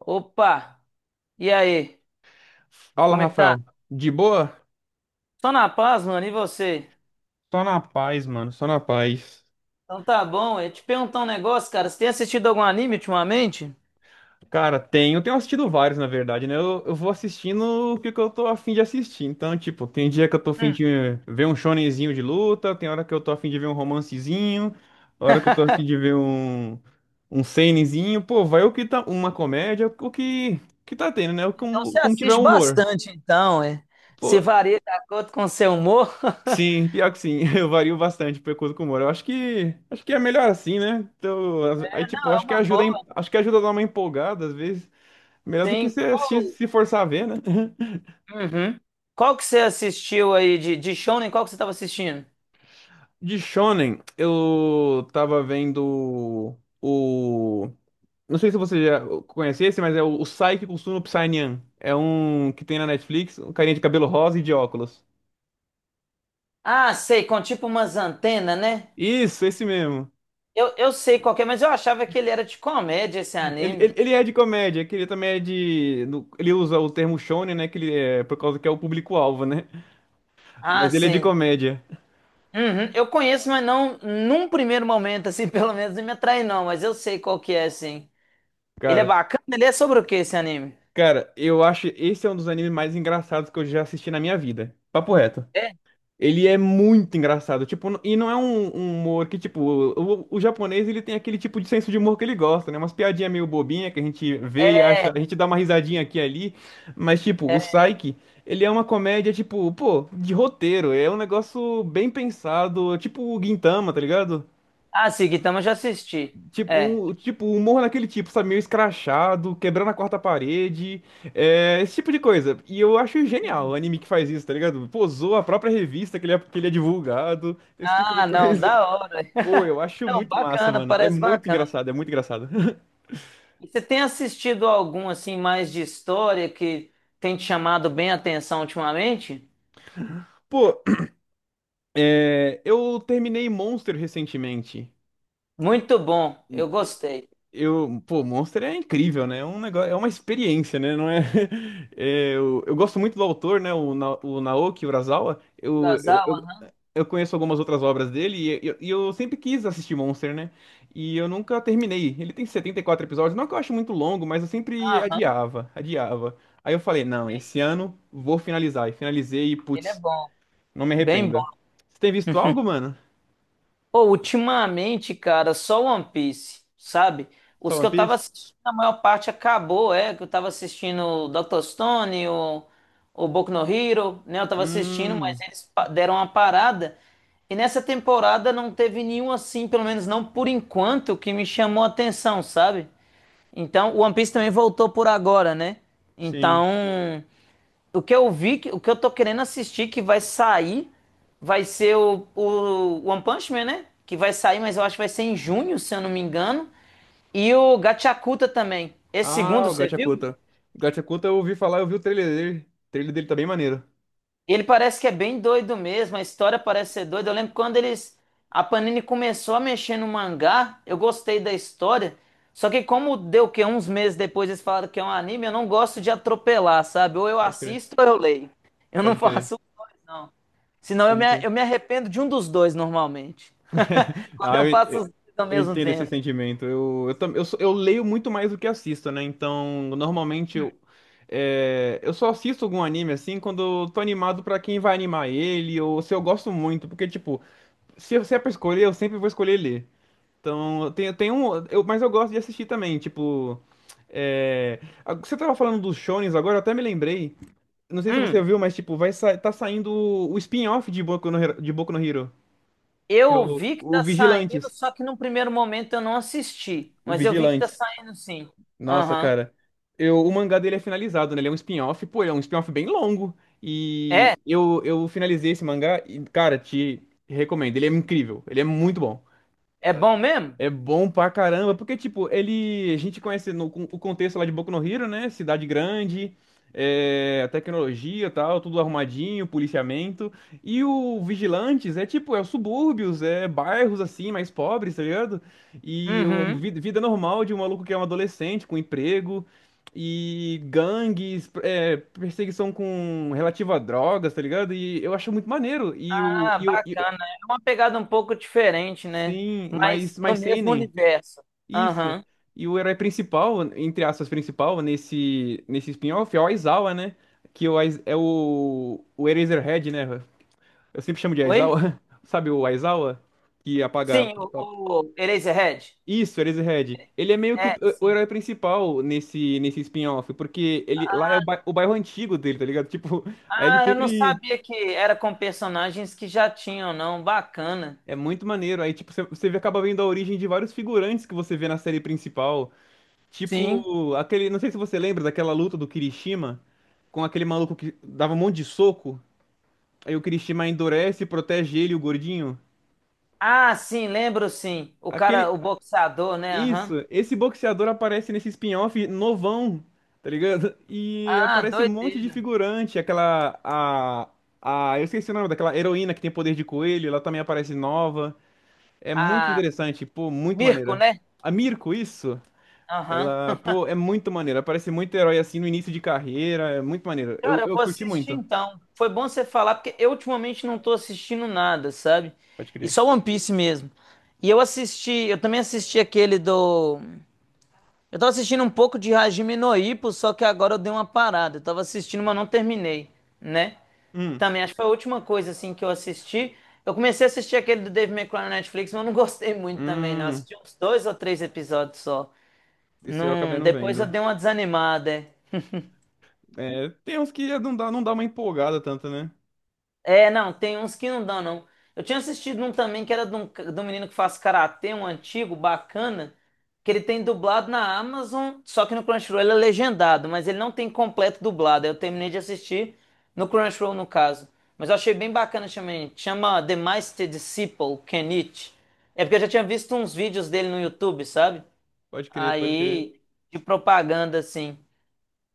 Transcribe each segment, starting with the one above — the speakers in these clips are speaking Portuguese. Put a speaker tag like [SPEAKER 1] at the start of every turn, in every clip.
[SPEAKER 1] Opa! E aí?
[SPEAKER 2] Fala,
[SPEAKER 1] Como é que tá?
[SPEAKER 2] Rafael. De boa?
[SPEAKER 1] Só na paz, mano. E você?
[SPEAKER 2] Só na paz, mano. Só na paz.
[SPEAKER 1] Então tá bom. Eu ia te perguntar um negócio, cara. Você tem assistido algum anime ultimamente?
[SPEAKER 2] Cara, tem. Eu tenho assistido vários, na verdade, né? Eu vou assistindo o que eu tô afim de assistir. Então, tipo, tem dia que eu tô afim
[SPEAKER 1] Hum,
[SPEAKER 2] de ver um shonenzinho de luta, tem hora que eu tô afim de ver um romancezinho, hora que eu tô afim de ver um seinenzinho. Pô, vai o que tá. Uma comédia, o que tá tendo, né? O,
[SPEAKER 1] então
[SPEAKER 2] como,
[SPEAKER 1] você
[SPEAKER 2] como tiver
[SPEAKER 1] assiste
[SPEAKER 2] humor.
[SPEAKER 1] bastante, então, é.
[SPEAKER 2] Pô,
[SPEAKER 1] Se varia de acordo com o seu humor.
[SPEAKER 2] sim, pior que sim, eu vario bastante de acordo com o humor. Eu acho que é melhor assim, né? Então, aí
[SPEAKER 1] É,
[SPEAKER 2] tipo,
[SPEAKER 1] não, é
[SPEAKER 2] acho que
[SPEAKER 1] uma
[SPEAKER 2] ajuda, a em-
[SPEAKER 1] boa.
[SPEAKER 2] acho que ajuda a dar uma empolgada às vezes, melhor do que
[SPEAKER 1] Sim.
[SPEAKER 2] você assistir, se forçar a ver, né?
[SPEAKER 1] Uhum. Qual que você assistiu aí de Shonen? Qual que você tava assistindo?
[SPEAKER 2] De shonen, eu tava vendo o não sei se você já conhece esse, mas é o Saiki Kusuno Psainyan. É um que tem na Netflix, um carinha de cabelo rosa e de óculos.
[SPEAKER 1] Ah, sei, com tipo umas antenas, né?
[SPEAKER 2] Isso, esse mesmo.
[SPEAKER 1] Eu sei qual que é, mas eu achava que ele era de comédia, esse
[SPEAKER 2] Ele,
[SPEAKER 1] anime.
[SPEAKER 2] ele, ele é de comédia, que ele também é de. No- ele usa o termo shonen, né? Que ele é por causa que é o público-alvo, né?
[SPEAKER 1] Ah,
[SPEAKER 2] Mas ele é de
[SPEAKER 1] sim.
[SPEAKER 2] comédia,
[SPEAKER 1] Uhum. Eu conheço, mas não num primeiro momento, assim, pelo menos não me atrai, não, mas eu sei qual que é, sim. Ele é
[SPEAKER 2] cara.
[SPEAKER 1] bacana, ele é sobre o que esse anime?
[SPEAKER 2] Cara, eu acho esse é um dos animes mais engraçados que eu já assisti na minha vida. Papo reto.
[SPEAKER 1] É,
[SPEAKER 2] Ele é muito engraçado, tipo, e não é um humor que, tipo, o japonês, ele tem aquele tipo de senso de humor que ele gosta, né? Umas piadinhas meio bobinha que a gente vê e
[SPEAKER 1] é.
[SPEAKER 2] acha, a gente dá uma risadinha aqui e ali, mas, tipo, o
[SPEAKER 1] É.
[SPEAKER 2] Psyche, ele é uma comédia, tipo, pô, de roteiro, é um negócio bem pensado, tipo o Gintama, tá ligado?
[SPEAKER 1] Ah, sim. Gintama eu já assisti.
[SPEAKER 2] Tipo,
[SPEAKER 1] É.
[SPEAKER 2] um, tipo, humor naquele tipo, sabe? Meio escrachado, quebrando a quarta parede, é, esse tipo de coisa. E eu acho genial o anime que faz isso, tá ligado? Pô, zoa a própria revista que ele é divulgado, esse tipo de
[SPEAKER 1] Ah, não,
[SPEAKER 2] coisa.
[SPEAKER 1] da hora.
[SPEAKER 2] Pô, eu acho
[SPEAKER 1] Não,
[SPEAKER 2] muito massa,
[SPEAKER 1] bacana,
[SPEAKER 2] mano. É
[SPEAKER 1] parece
[SPEAKER 2] muito
[SPEAKER 1] bacana.
[SPEAKER 2] engraçado, é muito engraçado.
[SPEAKER 1] E você tem assistido algum, assim, mais de história que tem te chamado bem a atenção ultimamente?
[SPEAKER 2] Pô, é, eu terminei Monster recentemente.
[SPEAKER 1] Muito bom, eu gostei.
[SPEAKER 2] Eu, pô, Monster é incrível, né? É um negócio, é uma experiência, né? Não é, é, eu gosto muito do autor, né? O Naoki Urasawa. Eu, eu,
[SPEAKER 1] Kurosawa, aham,
[SPEAKER 2] eu conheço algumas outras obras dele e eu sempre quis assistir Monster, né? E eu nunca terminei. Ele tem 74 episódios, não que eu acho muito longo, mas eu sempre
[SPEAKER 1] aham,
[SPEAKER 2] adiava, adiava. Aí eu falei, não,
[SPEAKER 1] sim,
[SPEAKER 2] esse ano vou finalizar. E finalizei e,
[SPEAKER 1] ele é
[SPEAKER 2] putz,
[SPEAKER 1] bom.
[SPEAKER 2] não me
[SPEAKER 1] Bem.
[SPEAKER 2] arrependo. Você tem visto algo, mano?
[SPEAKER 1] Pô, ultimamente, cara, só One Piece, sabe?
[SPEAKER 2] Só
[SPEAKER 1] Os que
[SPEAKER 2] One
[SPEAKER 1] eu tava
[SPEAKER 2] Piece?
[SPEAKER 1] assistindo, a maior parte acabou, é, que eu tava assistindo o Dr. Stone, o Boku no Hero, né? Eu tava assistindo, mas
[SPEAKER 2] Hum,
[SPEAKER 1] eles deram uma parada. E nessa temporada não teve nenhum assim, pelo menos não por enquanto, que me chamou a atenção, sabe? Então, o One Piece também voltou por agora, né?
[SPEAKER 2] sim.
[SPEAKER 1] Então, o que eu vi, o que eu tô querendo assistir que vai sair vai ser o One Punch Man, né? Que vai sair, mas eu acho que vai ser em junho, se eu não me engano. E o Gachakuta também. Esse
[SPEAKER 2] Ah,
[SPEAKER 1] segundo,
[SPEAKER 2] o
[SPEAKER 1] você viu?
[SPEAKER 2] Gachakuta. O Gachakuta eu ouvi falar, eu vi o trailer dele. O trailer dele tá bem maneiro.
[SPEAKER 1] Ele parece que é bem doido mesmo, a história parece ser doida. Eu lembro quando eles. A Panini começou a mexer no mangá, eu gostei da história. Só que como deu o quê? Uns meses depois eles falaram que é um anime, eu não gosto de atropelar, sabe? Ou eu
[SPEAKER 2] Pode crer,
[SPEAKER 1] assisto ou eu leio. Eu não
[SPEAKER 2] pode crer,
[SPEAKER 1] faço os dois, não. Senão eu me,
[SPEAKER 2] pode crer.
[SPEAKER 1] eu me arrependo de um dos dois normalmente. Quando
[SPEAKER 2] Ah,
[SPEAKER 1] eu
[SPEAKER 2] eu,
[SPEAKER 1] faço os dois ao
[SPEAKER 2] eu
[SPEAKER 1] mesmo
[SPEAKER 2] entendo esse
[SPEAKER 1] tempo.
[SPEAKER 2] sentimento. Eu, tam- eu, sou- eu leio muito mais do que assisto, né? Então, normalmente eu só assisto algum anime assim quando eu tô animado pra quem vai animar ele, ou se eu gosto muito, porque, tipo, se é pra escolher, eu sempre vou escolher ler. Então, eu tenho um. Mas eu gosto de assistir também, tipo. É, você tava falando dos shonens agora, eu até me lembrei. Não sei se você
[SPEAKER 1] Hum,
[SPEAKER 2] viu, mas tipo, vai sa tá saindo o spin-off de Boku no Hero, que é
[SPEAKER 1] eu
[SPEAKER 2] o,
[SPEAKER 1] vi que
[SPEAKER 2] o
[SPEAKER 1] tá saindo,
[SPEAKER 2] Vigilantes.
[SPEAKER 1] só que num primeiro momento eu não assisti.
[SPEAKER 2] O
[SPEAKER 1] Mas eu vi que tá
[SPEAKER 2] Vigilantes.
[SPEAKER 1] saindo sim.
[SPEAKER 2] Nossa,
[SPEAKER 1] Aham.
[SPEAKER 2] cara. O mangá dele é finalizado, né? Ele é um spin-off, pô, ele é um spin-off bem longo. E
[SPEAKER 1] É?
[SPEAKER 2] eu finalizei esse mangá e, cara, te recomendo. Ele é incrível. Ele é muito bom.
[SPEAKER 1] É bom mesmo?
[SPEAKER 2] É bom pra caramba, porque, tipo, ele. A gente conhece no, com- o contexto lá de Boku no Hero, né? Cidade grande, é, a tecnologia e tal, tudo arrumadinho, policiamento. E o Vigilantes é tipo, é os subúrbios, é bairros assim, mais pobres, tá ligado? E
[SPEAKER 1] Uhum.
[SPEAKER 2] vida normal de um maluco que é um adolescente, com emprego, e gangues, é, perseguição com relativa a drogas, tá ligado? E eu acho muito maneiro. E o.
[SPEAKER 1] Ah,
[SPEAKER 2] E o e-
[SPEAKER 1] bacana. É uma pegada um pouco diferente, né?
[SPEAKER 2] sim,
[SPEAKER 1] Mas
[SPEAKER 2] mais,
[SPEAKER 1] no
[SPEAKER 2] mais
[SPEAKER 1] mesmo
[SPEAKER 2] seinen.
[SPEAKER 1] universo.
[SPEAKER 2] Isso.
[SPEAKER 1] Aham.
[SPEAKER 2] E o herói principal, entre aspas, principal, nesse spin-off é o Aizawa, né? Que é o Eraserhead, né? Eu sempre chamo de
[SPEAKER 1] Oi?
[SPEAKER 2] Aizawa. Sabe o Aizawa? Que apaga.
[SPEAKER 1] Sim, o Eraserhead?
[SPEAKER 2] Isso, Eraserhead. Ele é meio que o,
[SPEAKER 1] É,
[SPEAKER 2] o
[SPEAKER 1] sim.
[SPEAKER 2] herói principal nesse spin-off, porque ele lá é o bairro antigo dele, tá ligado? Tipo, aí ele
[SPEAKER 1] Ah, eu não
[SPEAKER 2] sempre.
[SPEAKER 1] sabia que era com personagens que já tinham, não. Bacana.
[SPEAKER 2] É muito maneiro. Aí, tipo, você acaba vendo a origem de vários figurantes que você vê na série principal.
[SPEAKER 1] Sim.
[SPEAKER 2] Tipo, aquele. Não sei se você lembra daquela luta do Kirishima com aquele maluco que dava um monte de soco. Aí o Kirishima endurece, protege ele, o gordinho.
[SPEAKER 1] Ah, sim, lembro sim. O cara,
[SPEAKER 2] Aquele.
[SPEAKER 1] o boxeador, né? Aham.
[SPEAKER 2] Isso, esse boxeador aparece nesse spin-off novão, tá ligado? E
[SPEAKER 1] Ah,
[SPEAKER 2] aparece um monte de
[SPEAKER 1] doideira.
[SPEAKER 2] figurante. Aquela. A. A. Eu esqueci o nome daquela heroína que tem poder de coelho, ela também aparece nova. É muito
[SPEAKER 1] Ah,
[SPEAKER 2] interessante, pô, muito
[SPEAKER 1] Mirko,
[SPEAKER 2] maneira.
[SPEAKER 1] né?
[SPEAKER 2] A Mirko, isso?
[SPEAKER 1] Aham.
[SPEAKER 2] Ela, pô, é muito maneira. Ela parece muito herói assim no início de carreira. É muito maneiro. Eu,
[SPEAKER 1] Cara, eu
[SPEAKER 2] eu
[SPEAKER 1] vou
[SPEAKER 2] curti
[SPEAKER 1] assistir
[SPEAKER 2] muito.
[SPEAKER 1] então. Foi bom você falar, porque eu ultimamente não tô assistindo nada, sabe?
[SPEAKER 2] Pode
[SPEAKER 1] E
[SPEAKER 2] crer.
[SPEAKER 1] só One Piece mesmo. E eu assisti, eu também assisti aquele do. Eu tava assistindo um pouco de Hajime no Ippo, só que agora eu dei uma parada. Eu tava assistindo, mas não terminei, né?
[SPEAKER 2] Hum,
[SPEAKER 1] Também acho que foi a última coisa assim que eu assisti. Eu comecei a assistir aquele do Dave McCray na Netflix, mas eu não gostei muito também, não. Eu
[SPEAKER 2] hum,
[SPEAKER 1] assisti uns dois ou três episódios só.
[SPEAKER 2] esse eu acabei
[SPEAKER 1] Não,
[SPEAKER 2] não
[SPEAKER 1] depois eu
[SPEAKER 2] vendo.
[SPEAKER 1] dei uma desanimada. É.
[SPEAKER 2] É, tem uns que não dá uma empolgada tanto, né?
[SPEAKER 1] É, não, tem uns que não dão, não. Eu tinha assistido um também que era de um menino que faz karatê, um antigo, bacana, que ele tem dublado na Amazon, só que no Crunchyroll ele é legendado, mas ele não tem completo dublado. Aí eu terminei de assistir no Crunchyroll, no caso. Mas eu achei bem bacana também. Chama The Master Disciple Kenichi. É porque eu já tinha visto uns vídeos dele no YouTube, sabe?
[SPEAKER 2] Pode crer, pode crer,
[SPEAKER 1] Aí, de propaganda, assim.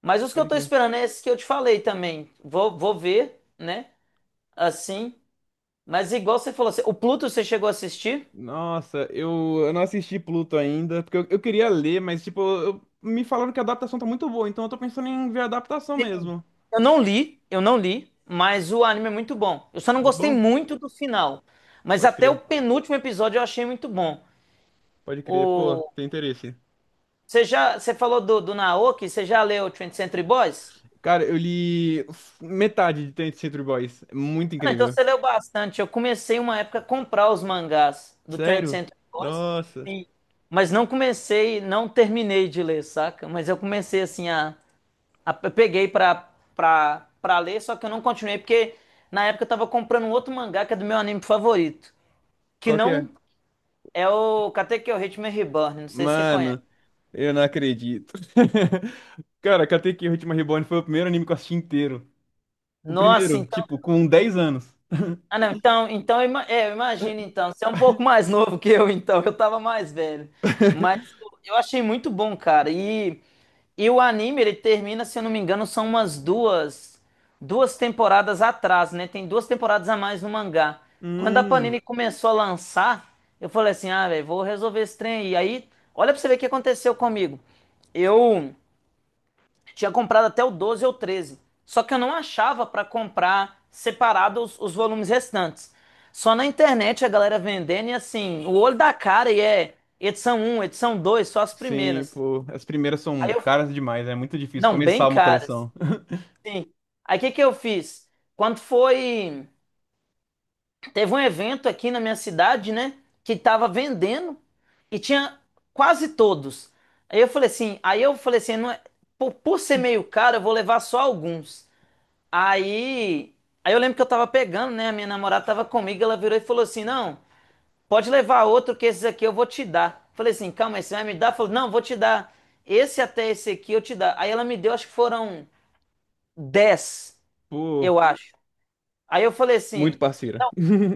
[SPEAKER 1] Mas os que eu
[SPEAKER 2] pode
[SPEAKER 1] tô
[SPEAKER 2] crer.
[SPEAKER 1] esperando é esses que eu te falei também. Vou ver, né? Assim. Mas igual você falou, o Pluto você chegou a assistir?
[SPEAKER 2] Nossa, eu não assisti Pluto ainda, porque eu queria ler, mas tipo, me falaram que a adaptação tá muito boa, então eu tô pensando em ver a adaptação
[SPEAKER 1] Sim.
[SPEAKER 2] mesmo.
[SPEAKER 1] Eu não li, mas o anime é muito bom. Eu só não
[SPEAKER 2] Muito
[SPEAKER 1] gostei
[SPEAKER 2] bom?
[SPEAKER 1] muito do final, mas
[SPEAKER 2] Pode
[SPEAKER 1] até o
[SPEAKER 2] crer,
[SPEAKER 1] penúltimo episódio eu achei muito bom.
[SPEAKER 2] pode crer. Pô,
[SPEAKER 1] O
[SPEAKER 2] tem interesse.
[SPEAKER 1] Você já você falou do Naoki, você já leu 20th Century Boys?
[SPEAKER 2] Cara, eu li metade de Ten Century Boys. É muito
[SPEAKER 1] Ah, não, então
[SPEAKER 2] incrível.
[SPEAKER 1] você leu bastante. Eu comecei uma época a comprar os mangás do 20th
[SPEAKER 2] Sério?
[SPEAKER 1] Century Boys,
[SPEAKER 2] Nossa.
[SPEAKER 1] sim, mas não comecei, não terminei de ler, saca? Mas eu comecei assim Eu peguei pra ler, só que eu não continuei, porque na época eu tava comprando um outro mangá que é do meu anime favorito. Que
[SPEAKER 2] Qual que é?
[SPEAKER 1] não é o Katekyo Hitman Reborn, não sei se você conhece.
[SPEAKER 2] Mano, eu não acredito. Cara, Katekyo Hitman Reborn foi o primeiro anime que eu assisti inteiro. O
[SPEAKER 1] Nossa,
[SPEAKER 2] primeiro,
[SPEAKER 1] então.
[SPEAKER 2] tipo, com 10 anos.
[SPEAKER 1] Ah, não, então eu imagino então. Você é um pouco mais novo que eu, então. Eu tava mais velho. Mas eu achei muito bom, cara. E o anime, ele termina, se eu não me engano, são umas duas temporadas atrás, né? Tem duas temporadas a mais no mangá. Quando a
[SPEAKER 2] Hum.
[SPEAKER 1] Panini começou a lançar, eu falei assim, ah, velho, vou resolver esse trem aí. E aí, olha pra você ver o que aconteceu comigo. Eu tinha comprado até o 12 ou 13, só que eu não achava pra comprar separado os volumes restantes. Só na internet a galera vendendo e assim, o olho da cara e é edição um, edição 2, só as
[SPEAKER 2] Sim,
[SPEAKER 1] primeiras.
[SPEAKER 2] pô. As primeiras
[SPEAKER 1] Aí
[SPEAKER 2] são
[SPEAKER 1] eu,
[SPEAKER 2] caras demais, é muito difícil
[SPEAKER 1] não, bem
[SPEAKER 2] começar uma
[SPEAKER 1] caras.
[SPEAKER 2] coleção.
[SPEAKER 1] Sim. Aí o que que eu fiz? Quando foi, teve um evento aqui na minha cidade, né, que tava vendendo e tinha quase todos. Aí eu falei assim, não é, por ser meio caro, eu vou levar só alguns. Aí, aí eu lembro que eu tava pegando, né, a minha namorada tava comigo, ela virou e falou assim: "Não, pode levar outro que esses aqui eu vou te dar". Falei assim: "Calma, aí, você vai me dar?". Falou: "Não, vou te dar. Esse até esse aqui eu te dar". Aí ela me deu, acho que foram 10
[SPEAKER 2] Pô,
[SPEAKER 1] eu acho. Aí eu falei
[SPEAKER 2] muito
[SPEAKER 1] assim,
[SPEAKER 2] parceira.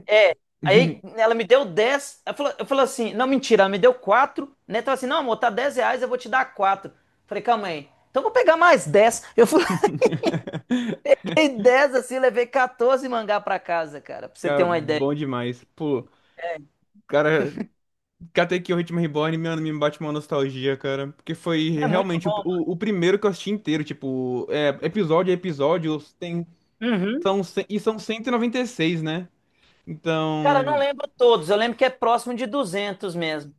[SPEAKER 1] é. Aí ela me deu 10. Eu falei assim, não, mentira, ela me deu 4. Né? Então assim, não, amor, tá 10 reais, eu vou te dar 4. Falei, calma aí. Então eu vou pegar mais 10. Eu fui, peguei 10 assim, levei 14 mangá pra casa, cara, pra você ter
[SPEAKER 2] Cara,
[SPEAKER 1] uma ideia.
[SPEAKER 2] bom demais. Pô, cara, Katekyo Hitman Reborn, mano, me bate uma nostalgia, cara. Porque foi
[SPEAKER 1] É muito
[SPEAKER 2] realmente o,
[SPEAKER 1] bom,
[SPEAKER 2] o, o primeiro que eu assisti inteiro. Tipo, é, episódio a episódio, tem,
[SPEAKER 1] mano. Uhum.
[SPEAKER 2] são, cem- e são 196, né?
[SPEAKER 1] Cara, eu não
[SPEAKER 2] Então.
[SPEAKER 1] lembro todos, eu lembro que é próximo de 200 mesmo.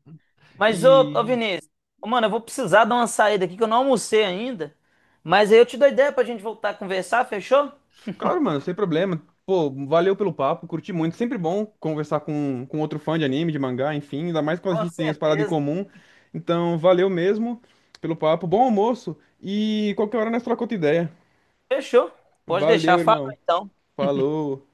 [SPEAKER 1] Mas, ô,
[SPEAKER 2] E.
[SPEAKER 1] Vinícius, ô, mano, eu vou precisar dar uma saída aqui que eu não almocei ainda. Mas aí eu te dou ideia pra gente voltar a conversar, fechou?
[SPEAKER 2] Claro, mano, sem problema. Pô, valeu pelo papo, curti muito. Sempre bom conversar com outro fã de anime, de mangá, enfim. Ainda mais quando a
[SPEAKER 1] Com
[SPEAKER 2] gente tem as paradas em
[SPEAKER 1] certeza.
[SPEAKER 2] comum. Então, valeu mesmo pelo papo. Bom almoço. E qualquer hora nós trocamos outra ideia.
[SPEAKER 1] Fechou. Pode deixar.
[SPEAKER 2] Valeu,
[SPEAKER 1] Fala
[SPEAKER 2] irmão.
[SPEAKER 1] então.
[SPEAKER 2] Falou.